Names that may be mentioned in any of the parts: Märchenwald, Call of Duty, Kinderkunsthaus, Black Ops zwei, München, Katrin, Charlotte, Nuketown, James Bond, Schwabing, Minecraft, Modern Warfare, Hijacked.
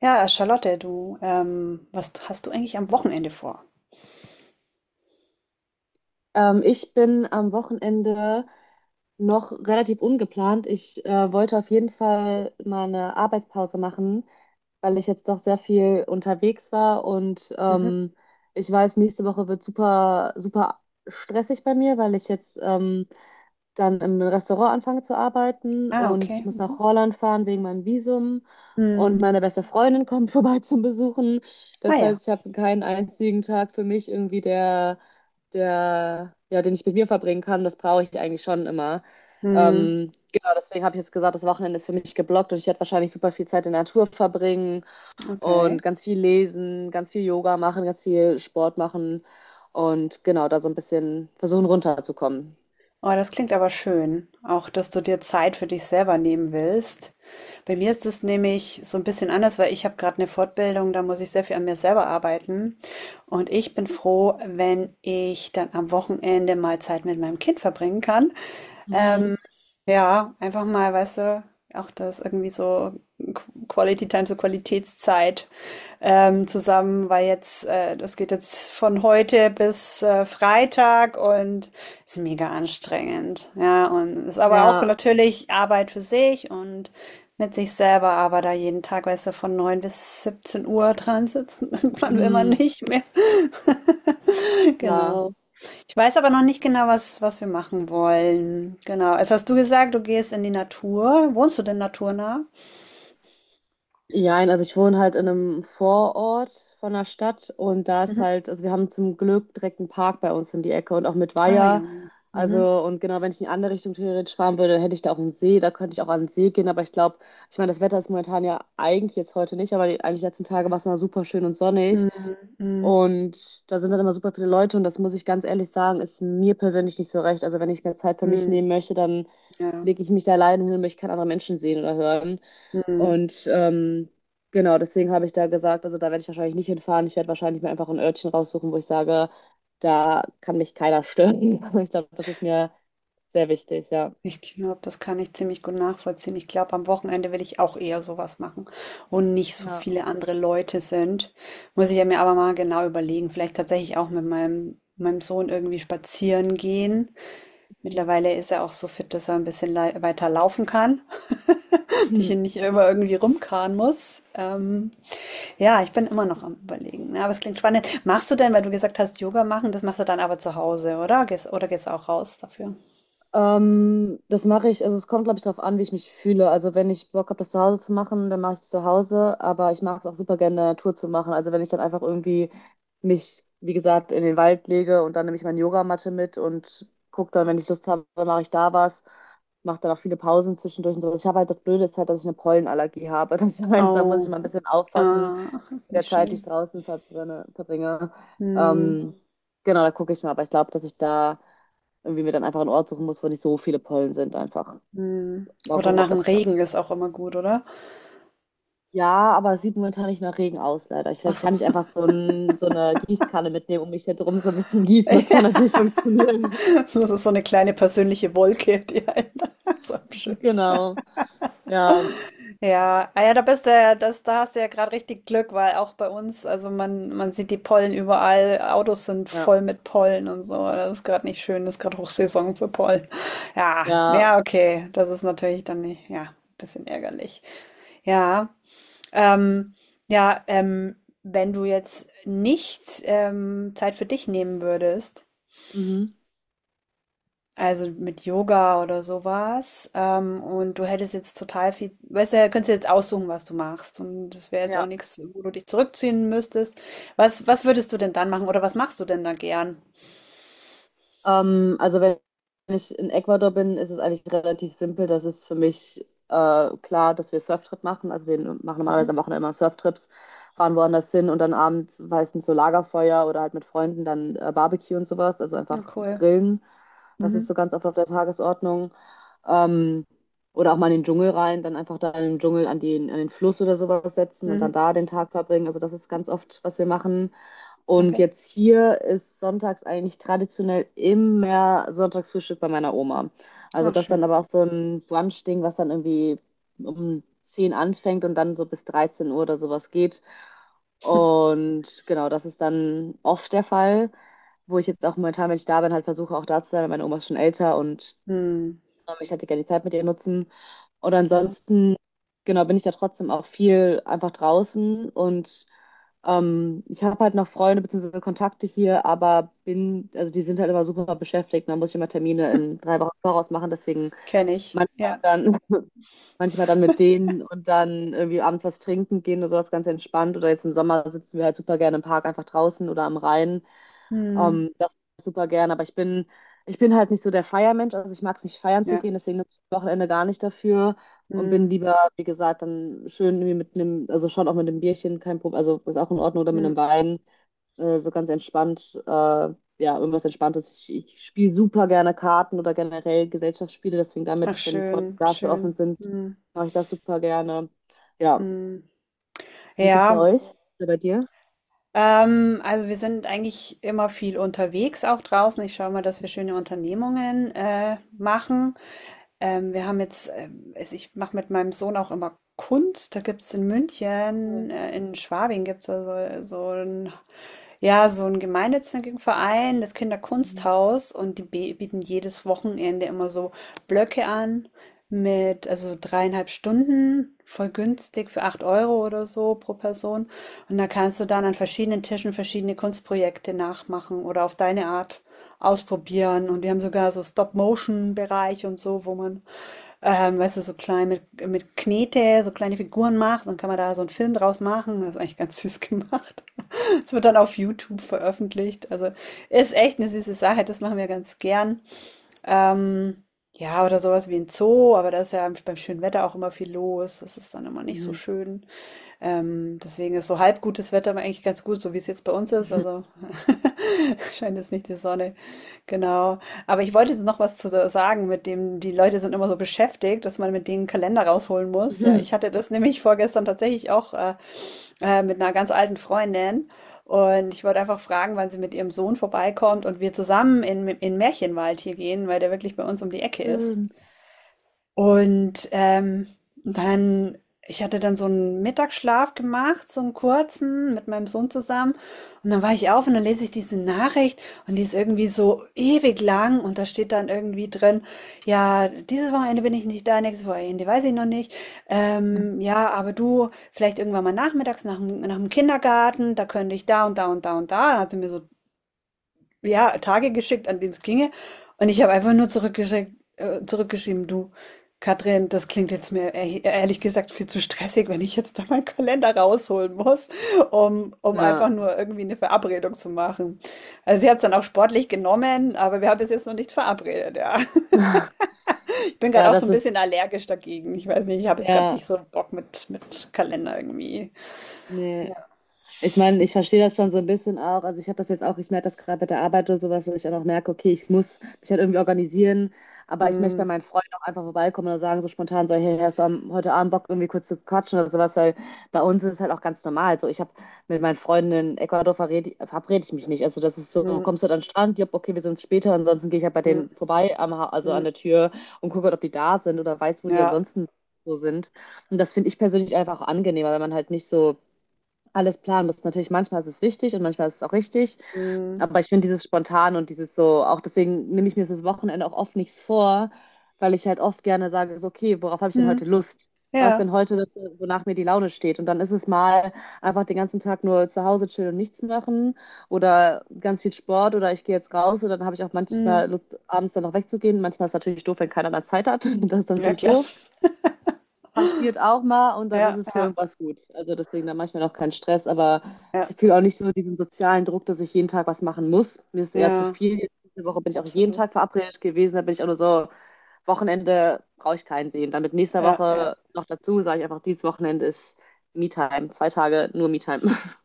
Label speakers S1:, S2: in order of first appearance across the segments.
S1: Ja, Charlotte, du, was hast du eigentlich am Wochenende vor?
S2: Ich bin am Wochenende noch relativ ungeplant. Ich wollte auf jeden Fall mal eine Arbeitspause machen, weil ich jetzt doch sehr viel unterwegs war, und
S1: Mhm.
S2: ich weiß, nächste Woche wird super, super stressig bei mir, weil ich jetzt dann im Restaurant anfange zu arbeiten,
S1: Ah,
S2: und ich
S1: okay.
S2: muss
S1: Mhm.
S2: nach Holland fahren wegen meinem Visum, und
S1: Hm.
S2: meine beste Freundin kommt vorbei zum Besuchen.
S1: Ah
S2: Das
S1: ja.
S2: heißt, ich habe keinen einzigen Tag für mich irgendwie, ja, den ich mit mir verbringen kann, das brauche ich eigentlich schon immer.
S1: Hm.
S2: Genau, deswegen habe ich jetzt gesagt, das Wochenende ist für mich geblockt und ich werde wahrscheinlich super viel Zeit in der Natur verbringen
S1: Okay.
S2: und ganz viel lesen, ganz viel Yoga machen, ganz viel Sport machen und genau, da so ein bisschen versuchen runterzukommen.
S1: Oh, das klingt aber schön. Auch, dass du dir Zeit für dich selber nehmen willst. Bei mir ist es nämlich so ein bisschen anders, weil ich habe gerade eine Fortbildung, da muss ich sehr viel an mir selber arbeiten. Und ich bin froh, wenn ich dann am Wochenende mal Zeit mit meinem Kind verbringen kann. Ähm,
S2: Mhm.
S1: ja, einfach mal, weißt du, auch das irgendwie so Quality Time, so Qualitätszeit, zusammen, weil jetzt, das geht jetzt von heute bis Freitag und ist mega anstrengend. Ja, und ist aber auch
S2: Ja,
S1: natürlich Arbeit für sich und mit sich selber, aber da jeden Tag, weißt du, von 9 bis 17 Uhr dran sitzen, irgendwann will man
S2: mhm,
S1: nicht mehr.
S2: klar.
S1: Genau. Ich weiß aber noch nicht genau, was wir machen wollen. Genau. Jetzt hast du gesagt, du gehst in die Natur. Wohnst du denn naturnah?
S2: Jein, also ich wohne halt in einem Vorort von der Stadt, und da ist
S1: Mhm.
S2: halt, also wir haben zum Glück direkt einen Park bei uns in die Ecke und auch mit
S1: Ah ja.
S2: Weiher.
S1: Mhm.
S2: Also, und genau, wenn ich in die andere Richtung theoretisch fahren würde, hätte ich da auch einen See, da könnte ich auch an den See gehen, aber ich glaube, ich meine, das Wetter ist momentan ja eigentlich jetzt heute nicht, aber die, eigentlich die letzten Tage war es immer super schön und sonnig,
S1: Mhm. Mhm.
S2: und da sind dann immer super viele Leute, und das muss ich ganz ehrlich sagen, ist mir persönlich nicht so recht. Also, wenn ich mir Zeit für mich
S1: Mhm.
S2: nehmen möchte, dann
S1: Ja.
S2: lege ich mich da alleine hin und möchte keine anderen Menschen sehen oder hören.
S1: Mhm.
S2: Und genau, deswegen habe ich da gesagt, also da werde ich wahrscheinlich nicht hinfahren. Ich werde wahrscheinlich mir einfach ein Örtchen raussuchen, wo ich sage, da kann mich keiner stören. Ich glaube, das ist mir sehr wichtig, ja.
S1: Ich glaube, das kann ich ziemlich gut nachvollziehen. Ich glaube, am Wochenende will ich auch eher sowas machen, wo nicht so
S2: Ja.
S1: viele andere Leute sind. Muss ich ja mir aber mal genau überlegen. Vielleicht tatsächlich auch mit meinem Sohn irgendwie spazieren gehen.
S2: Mhm.
S1: Mittlerweile ist er auch so fit, dass er ein bisschen weiter laufen kann. Die ich hier nicht immer irgendwie rumkarren muss. Ja, ich bin immer noch am Überlegen. Ja, aber es klingt spannend. Machst du denn, weil du gesagt hast, Yoga machen, das machst du dann aber zu Hause, oder? Gehst, oder gehst du auch raus dafür?
S2: Das mache ich, also es kommt, glaube ich, darauf an, wie ich mich fühle. Also wenn ich Bock habe, das zu Hause zu machen, dann mache ich es zu Hause, aber ich mag es auch super gerne in der Natur zu machen. Also wenn ich dann einfach irgendwie mich, wie gesagt, in den Wald lege und dann nehme ich meine Yogamatte mit und gucke dann, wenn ich Lust habe, mache ich da was, mache dann auch viele Pausen zwischendurch und so. Also ich habe halt, das Blöde ist halt, dass ich eine Pollenallergie habe. Das heißt, da muss
S1: Oh,
S2: ich mal ein bisschen aufpassen
S1: ah,
S2: mit
S1: nicht
S2: der Zeit, die ich
S1: schön.
S2: draußen verbringe.
S1: Hm,
S2: Ähm, genau, da gucke ich mal. Aber ich glaube, dass ich da irgendwie mir dann einfach einen Ort suchen muss, wo nicht so viele Pollen sind, einfach.
S1: hm.
S2: Mal
S1: Oder
S2: gucken,
S1: nach
S2: ob
S1: dem
S2: das
S1: Regen
S2: klappt.
S1: ist auch immer gut, oder?
S2: Ja, aber es sieht momentan nicht nach Regen aus, leider.
S1: Ach
S2: Vielleicht
S1: so.
S2: kann ich einfach so, ein, so eine Gießkanne mitnehmen und mich da drum so ein bisschen gießen. Das kann
S1: Ja,
S2: natürlich funktionieren.
S1: das ist so eine kleine persönliche Wolke, die einen so abschirmt.
S2: Genau. Ja,
S1: Ja, ah ja, da bist du ja, das, da hast du ja gerade richtig Glück, weil auch bei uns, also man sieht die Pollen überall, Autos sind
S2: ja,
S1: voll mit Pollen und so. Das ist gerade nicht schön, das ist gerade Hochsaison für Pollen. Ja,
S2: ja.
S1: ja, okay, das ist natürlich dann nicht, ja, ein bisschen ärgerlich. Ja, ähm, ja, wenn du jetzt nicht Zeit für dich nehmen würdest,
S2: Mhm.
S1: also mit Yoga oder sowas. Und du hättest jetzt total viel, weißt du, ja, könntest du jetzt aussuchen, was du machst. Und das wäre jetzt auch
S2: Ja.
S1: nichts, wo du dich zurückziehen müsstest. Was würdest du denn dann machen oder was machst du denn da gern?
S2: Also wenn ich in Ecuador bin, ist es eigentlich relativ simpel. Das ist für mich klar, dass wir Surftrip machen. Also wir machen
S1: Mhm.
S2: normalerweise am Wochenende immer Surftrips, fahren woanders hin und dann abends meistens so Lagerfeuer oder halt mit Freunden dann Barbecue und sowas. Also
S1: Ja,
S2: einfach
S1: cool.
S2: grillen. Das ist so
S1: Mhm.
S2: ganz oft auf der Tagesordnung. Ähm, oder auch mal in den Dschungel rein, dann einfach da im Dschungel an den Fluss oder sowas setzen und dann
S1: Mhm.
S2: da den Tag verbringen. Also das ist ganz oft, was wir machen. Und
S1: Okay.
S2: jetzt hier ist sonntags eigentlich traditionell immer Sonntagsfrühstück bei meiner Oma. Also
S1: Ach,
S2: das dann
S1: schön.
S2: aber auch so ein Brunch-Ding, was dann irgendwie um 10 anfängt und dann so bis 13 Uhr oder sowas geht. Und genau, das ist dann oft der Fall, wo ich jetzt auch momentan, wenn ich da bin, halt versuche auch da zu sein, weil meine Oma ist schon älter und
S1: Hm.
S2: ich hätte gerne die Zeit mit ihr nutzen. Oder
S1: Klar.
S2: ansonsten, genau, bin ich da trotzdem auch viel einfach draußen, und ich habe halt noch Freunde bzw. Kontakte hier, aber bin, also die sind halt immer super beschäftigt. Da muss ich immer Termine in drei Wochen voraus machen, deswegen
S1: Kenne ich.
S2: manchmal
S1: Ja.
S2: dann, manchmal dann mit denen und dann irgendwie abends was trinken gehen oder sowas ganz entspannt. Oder jetzt im Sommer sitzen wir halt super gerne im Park einfach draußen oder am Rhein.
S1: Hm.
S2: Das super gern, aber ich bin halt nicht so der Feiermensch, also ich mag es nicht feiern zu
S1: Ja.
S2: gehen, deswegen nutze ich das Wochenende gar nicht dafür und
S1: Hm.
S2: bin lieber, wie gesagt, dann schön irgendwie mit einem, also schon auch mit einem Bierchen, kein Problem, also ist auch in Ordnung, oder mit
S1: Hm.
S2: einem Wein, so ganz entspannt, ja, irgendwas Entspanntes. Ich spiele super gerne Karten oder generell Gesellschaftsspiele, deswegen
S1: Ach,
S2: damit, wenn Freunde
S1: schön,
S2: dafür offen
S1: schön.
S2: sind,
S1: Hm.
S2: mache ich das super gerne. Ja,
S1: Hm.
S2: wie ist es bei
S1: Ja.
S2: euch oder bei dir?
S1: Also wir sind eigentlich immer viel unterwegs, auch draußen. Ich schaue mal, dass wir schöne Unternehmungen machen. Wir haben jetzt, ich mache mit meinem Sohn auch immer Kunst. Da gibt es in
S2: Cool.
S1: München, in Schwabing gibt es so ein ja, so ein gemeinnützigen Verein, das
S2: Mhm.
S1: Kinderkunsthaus, und die bieten jedes Wochenende immer so Blöcke an mit, also 3,5 Stunden, voll günstig für 8 Euro oder so pro Person. Und da kannst du dann an verschiedenen Tischen verschiedene Kunstprojekte nachmachen oder auf deine Art ausprobieren. Und die haben sogar so Stop-Motion-Bereich und so, wo man, weißt du, so klein mit, Knete, so kleine Figuren macht. Dann kann man da so einen Film draus machen. Das ist eigentlich ganz süß gemacht. Es wird dann auf YouTube veröffentlicht. Also ist echt eine süße Sache, das machen wir ganz gern. Ähm, ja, oder sowas wie ein Zoo, aber da ist ja beim schönen Wetter auch immer viel los. Das ist dann immer nicht so
S2: Mhm.
S1: schön. Deswegen ist so halb gutes Wetter aber eigentlich ganz gut, so wie es jetzt bei uns ist. Also scheint jetzt nicht die Sonne. Genau. Aber ich wollte jetzt noch was zu sagen, mit dem die Leute sind immer so beschäftigt, dass man mit denen einen Kalender rausholen muss. Ja, ich hatte das nämlich vorgestern tatsächlich auch mit einer ganz alten Freundin. Und ich wollte einfach fragen, wann sie mit ihrem Sohn vorbeikommt und wir zusammen in Märchenwald hier gehen, weil der wirklich bei uns um die Ecke ist.
S2: Schön.
S1: Und, dann ich hatte dann so einen Mittagsschlaf gemacht, so einen kurzen, mit meinem Sohn zusammen. Und dann war ich auf und dann lese ich diese Nachricht und die ist irgendwie so ewig lang und da steht dann irgendwie drin: „Ja, dieses Wochenende bin ich nicht da, nächstes Wochenende weiß ich noch nicht. Ja, aber du vielleicht irgendwann mal nachmittags nach dem Kindergarten, da könnte ich da und da und da und da." Da hat sie mir so ja, Tage geschickt, an denen es ginge. Und ich habe einfach nur zurückgeschickt, zurückgeschrieben, du, Katrin, das klingt jetzt mir ehrlich gesagt viel zu stressig, wenn ich jetzt da meinen Kalender rausholen muss, um einfach
S2: Ja.
S1: nur irgendwie eine Verabredung zu machen. Also sie hat es dann auch sportlich genommen, aber wir haben es jetzt noch nicht verabredet, ja.
S2: Ja,
S1: Ich bin gerade auch so
S2: das
S1: ein bisschen
S2: ist,
S1: allergisch dagegen. Ich weiß nicht, ich habe jetzt gerade
S2: ja,
S1: nicht so Bock mit, Kalender irgendwie.
S2: nee,
S1: Ja.
S2: ich meine, ich verstehe das schon so ein bisschen auch. Also ich habe das jetzt auch, ich merke das gerade bei der Arbeit oder sowas, dass ich dann auch merke, okay, ich muss mich halt irgendwie organisieren, aber ich möchte
S1: Hm,
S2: bei meinen Freunden auch einfach vorbeikommen und sagen so spontan so, hey, hast du heute Abend Bock irgendwie kurz zu quatschen oder sowas, weil bei uns ist es halt auch ganz normal. So, ich habe mit meinen Freunden in Ecuador verabrede ich mich nicht. Also das ist so,
S1: hm,
S2: kommst du dann an den Strand, jupp, okay, wir sind später, ansonsten gehe ich halt bei
S1: hm,
S2: denen vorbei, also an
S1: hm,
S2: der Tür und gucke, ob die da sind oder weiß, wo die
S1: ja.
S2: ansonsten so sind. Und das finde ich persönlich einfach auch angenehmer, wenn man halt nicht so alles planen muss. Natürlich, manchmal ist es wichtig und manchmal ist es auch richtig.
S1: Hm,
S2: Aber ich finde dieses spontan und dieses so, auch deswegen nehme ich mir das Wochenende auch oft nichts vor, weil ich halt oft gerne sage, so, okay, worauf habe ich denn
S1: hm,
S2: heute Lust? Was denn
S1: ja.
S2: heute, das, wonach mir die Laune steht? Und dann ist es mal einfach den ganzen Tag nur zu Hause chillen und nichts machen oder ganz viel Sport oder ich gehe jetzt raus und dann habe ich auch
S1: Hm.
S2: manchmal Lust, abends dann noch wegzugehen. Manchmal ist es natürlich doof, wenn keiner dann Zeit hat. Das ist dann
S1: Ja,
S2: natürlich
S1: klar.
S2: doof, passiert auch mal, und dann ist
S1: Ja,
S2: es für
S1: ja,
S2: irgendwas gut. Also deswegen dann manchmal auch kein Stress, aber
S1: ja,
S2: ich fühle auch nicht so diesen sozialen Druck, dass ich jeden Tag was machen muss. Mir ist es eher zu
S1: ja,
S2: viel. Jetzt diese Woche bin ich auch jeden
S1: absolut.
S2: Tag verabredet gewesen, da bin ich auch nur so, Wochenende brauche ich keinen sehen. Dann mit nächster
S1: Ja, ja.
S2: Woche noch dazu, sage ich einfach, dieses Wochenende ist Me-Time. Zwei Tage nur Me-Time.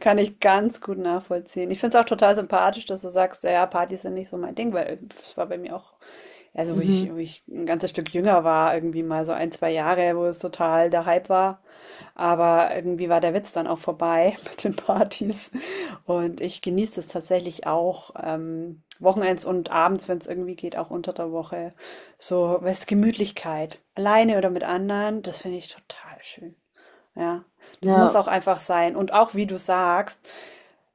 S1: Kann ich ganz gut nachvollziehen. Ich finde es auch total sympathisch, dass du sagst, ja, Partys sind nicht so mein Ding, weil es war bei mir auch. Also, wo
S2: Mhm.
S1: ich, wo ich ein ganzes Stück jünger war, irgendwie mal so ein, zwei Jahre, wo es total der Hype war. Aber irgendwie war der Witz dann auch vorbei mit den Partys. Und ich genieße es tatsächlich auch wochenends und abends, wenn es irgendwie geht, auch unter der Woche. So, was Gemütlichkeit. Alleine oder mit anderen, das finde ich total schön. Ja, das muss
S2: Ja.
S1: auch einfach sein. Und auch, wie du sagst,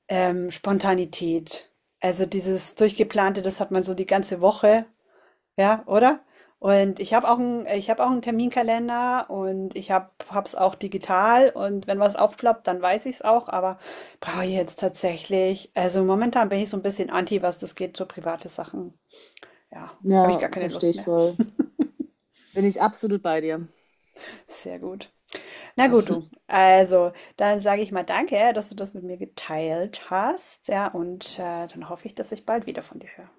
S1: Spontanität. Also dieses Durchgeplante, das hat man so die ganze Woche ja, oder? Und ich habe auch einen Terminkalender und ich habe es auch digital und wenn was aufploppt, dann weiß ich es auch, aber brauche ich
S2: Mhm.
S1: jetzt tatsächlich also, momentan bin ich so ein bisschen anti, was das geht, so private Sachen. Ja, habe ich
S2: Ja,
S1: gar keine
S2: verstehe
S1: Lust
S2: ich
S1: mehr.
S2: voll. Bin ich absolut bei dir.
S1: Sehr gut. Na gut, du. Also, dann sage ich mal danke, dass du das mit mir geteilt hast, ja, und, dann hoffe ich, dass ich bald wieder von dir höre.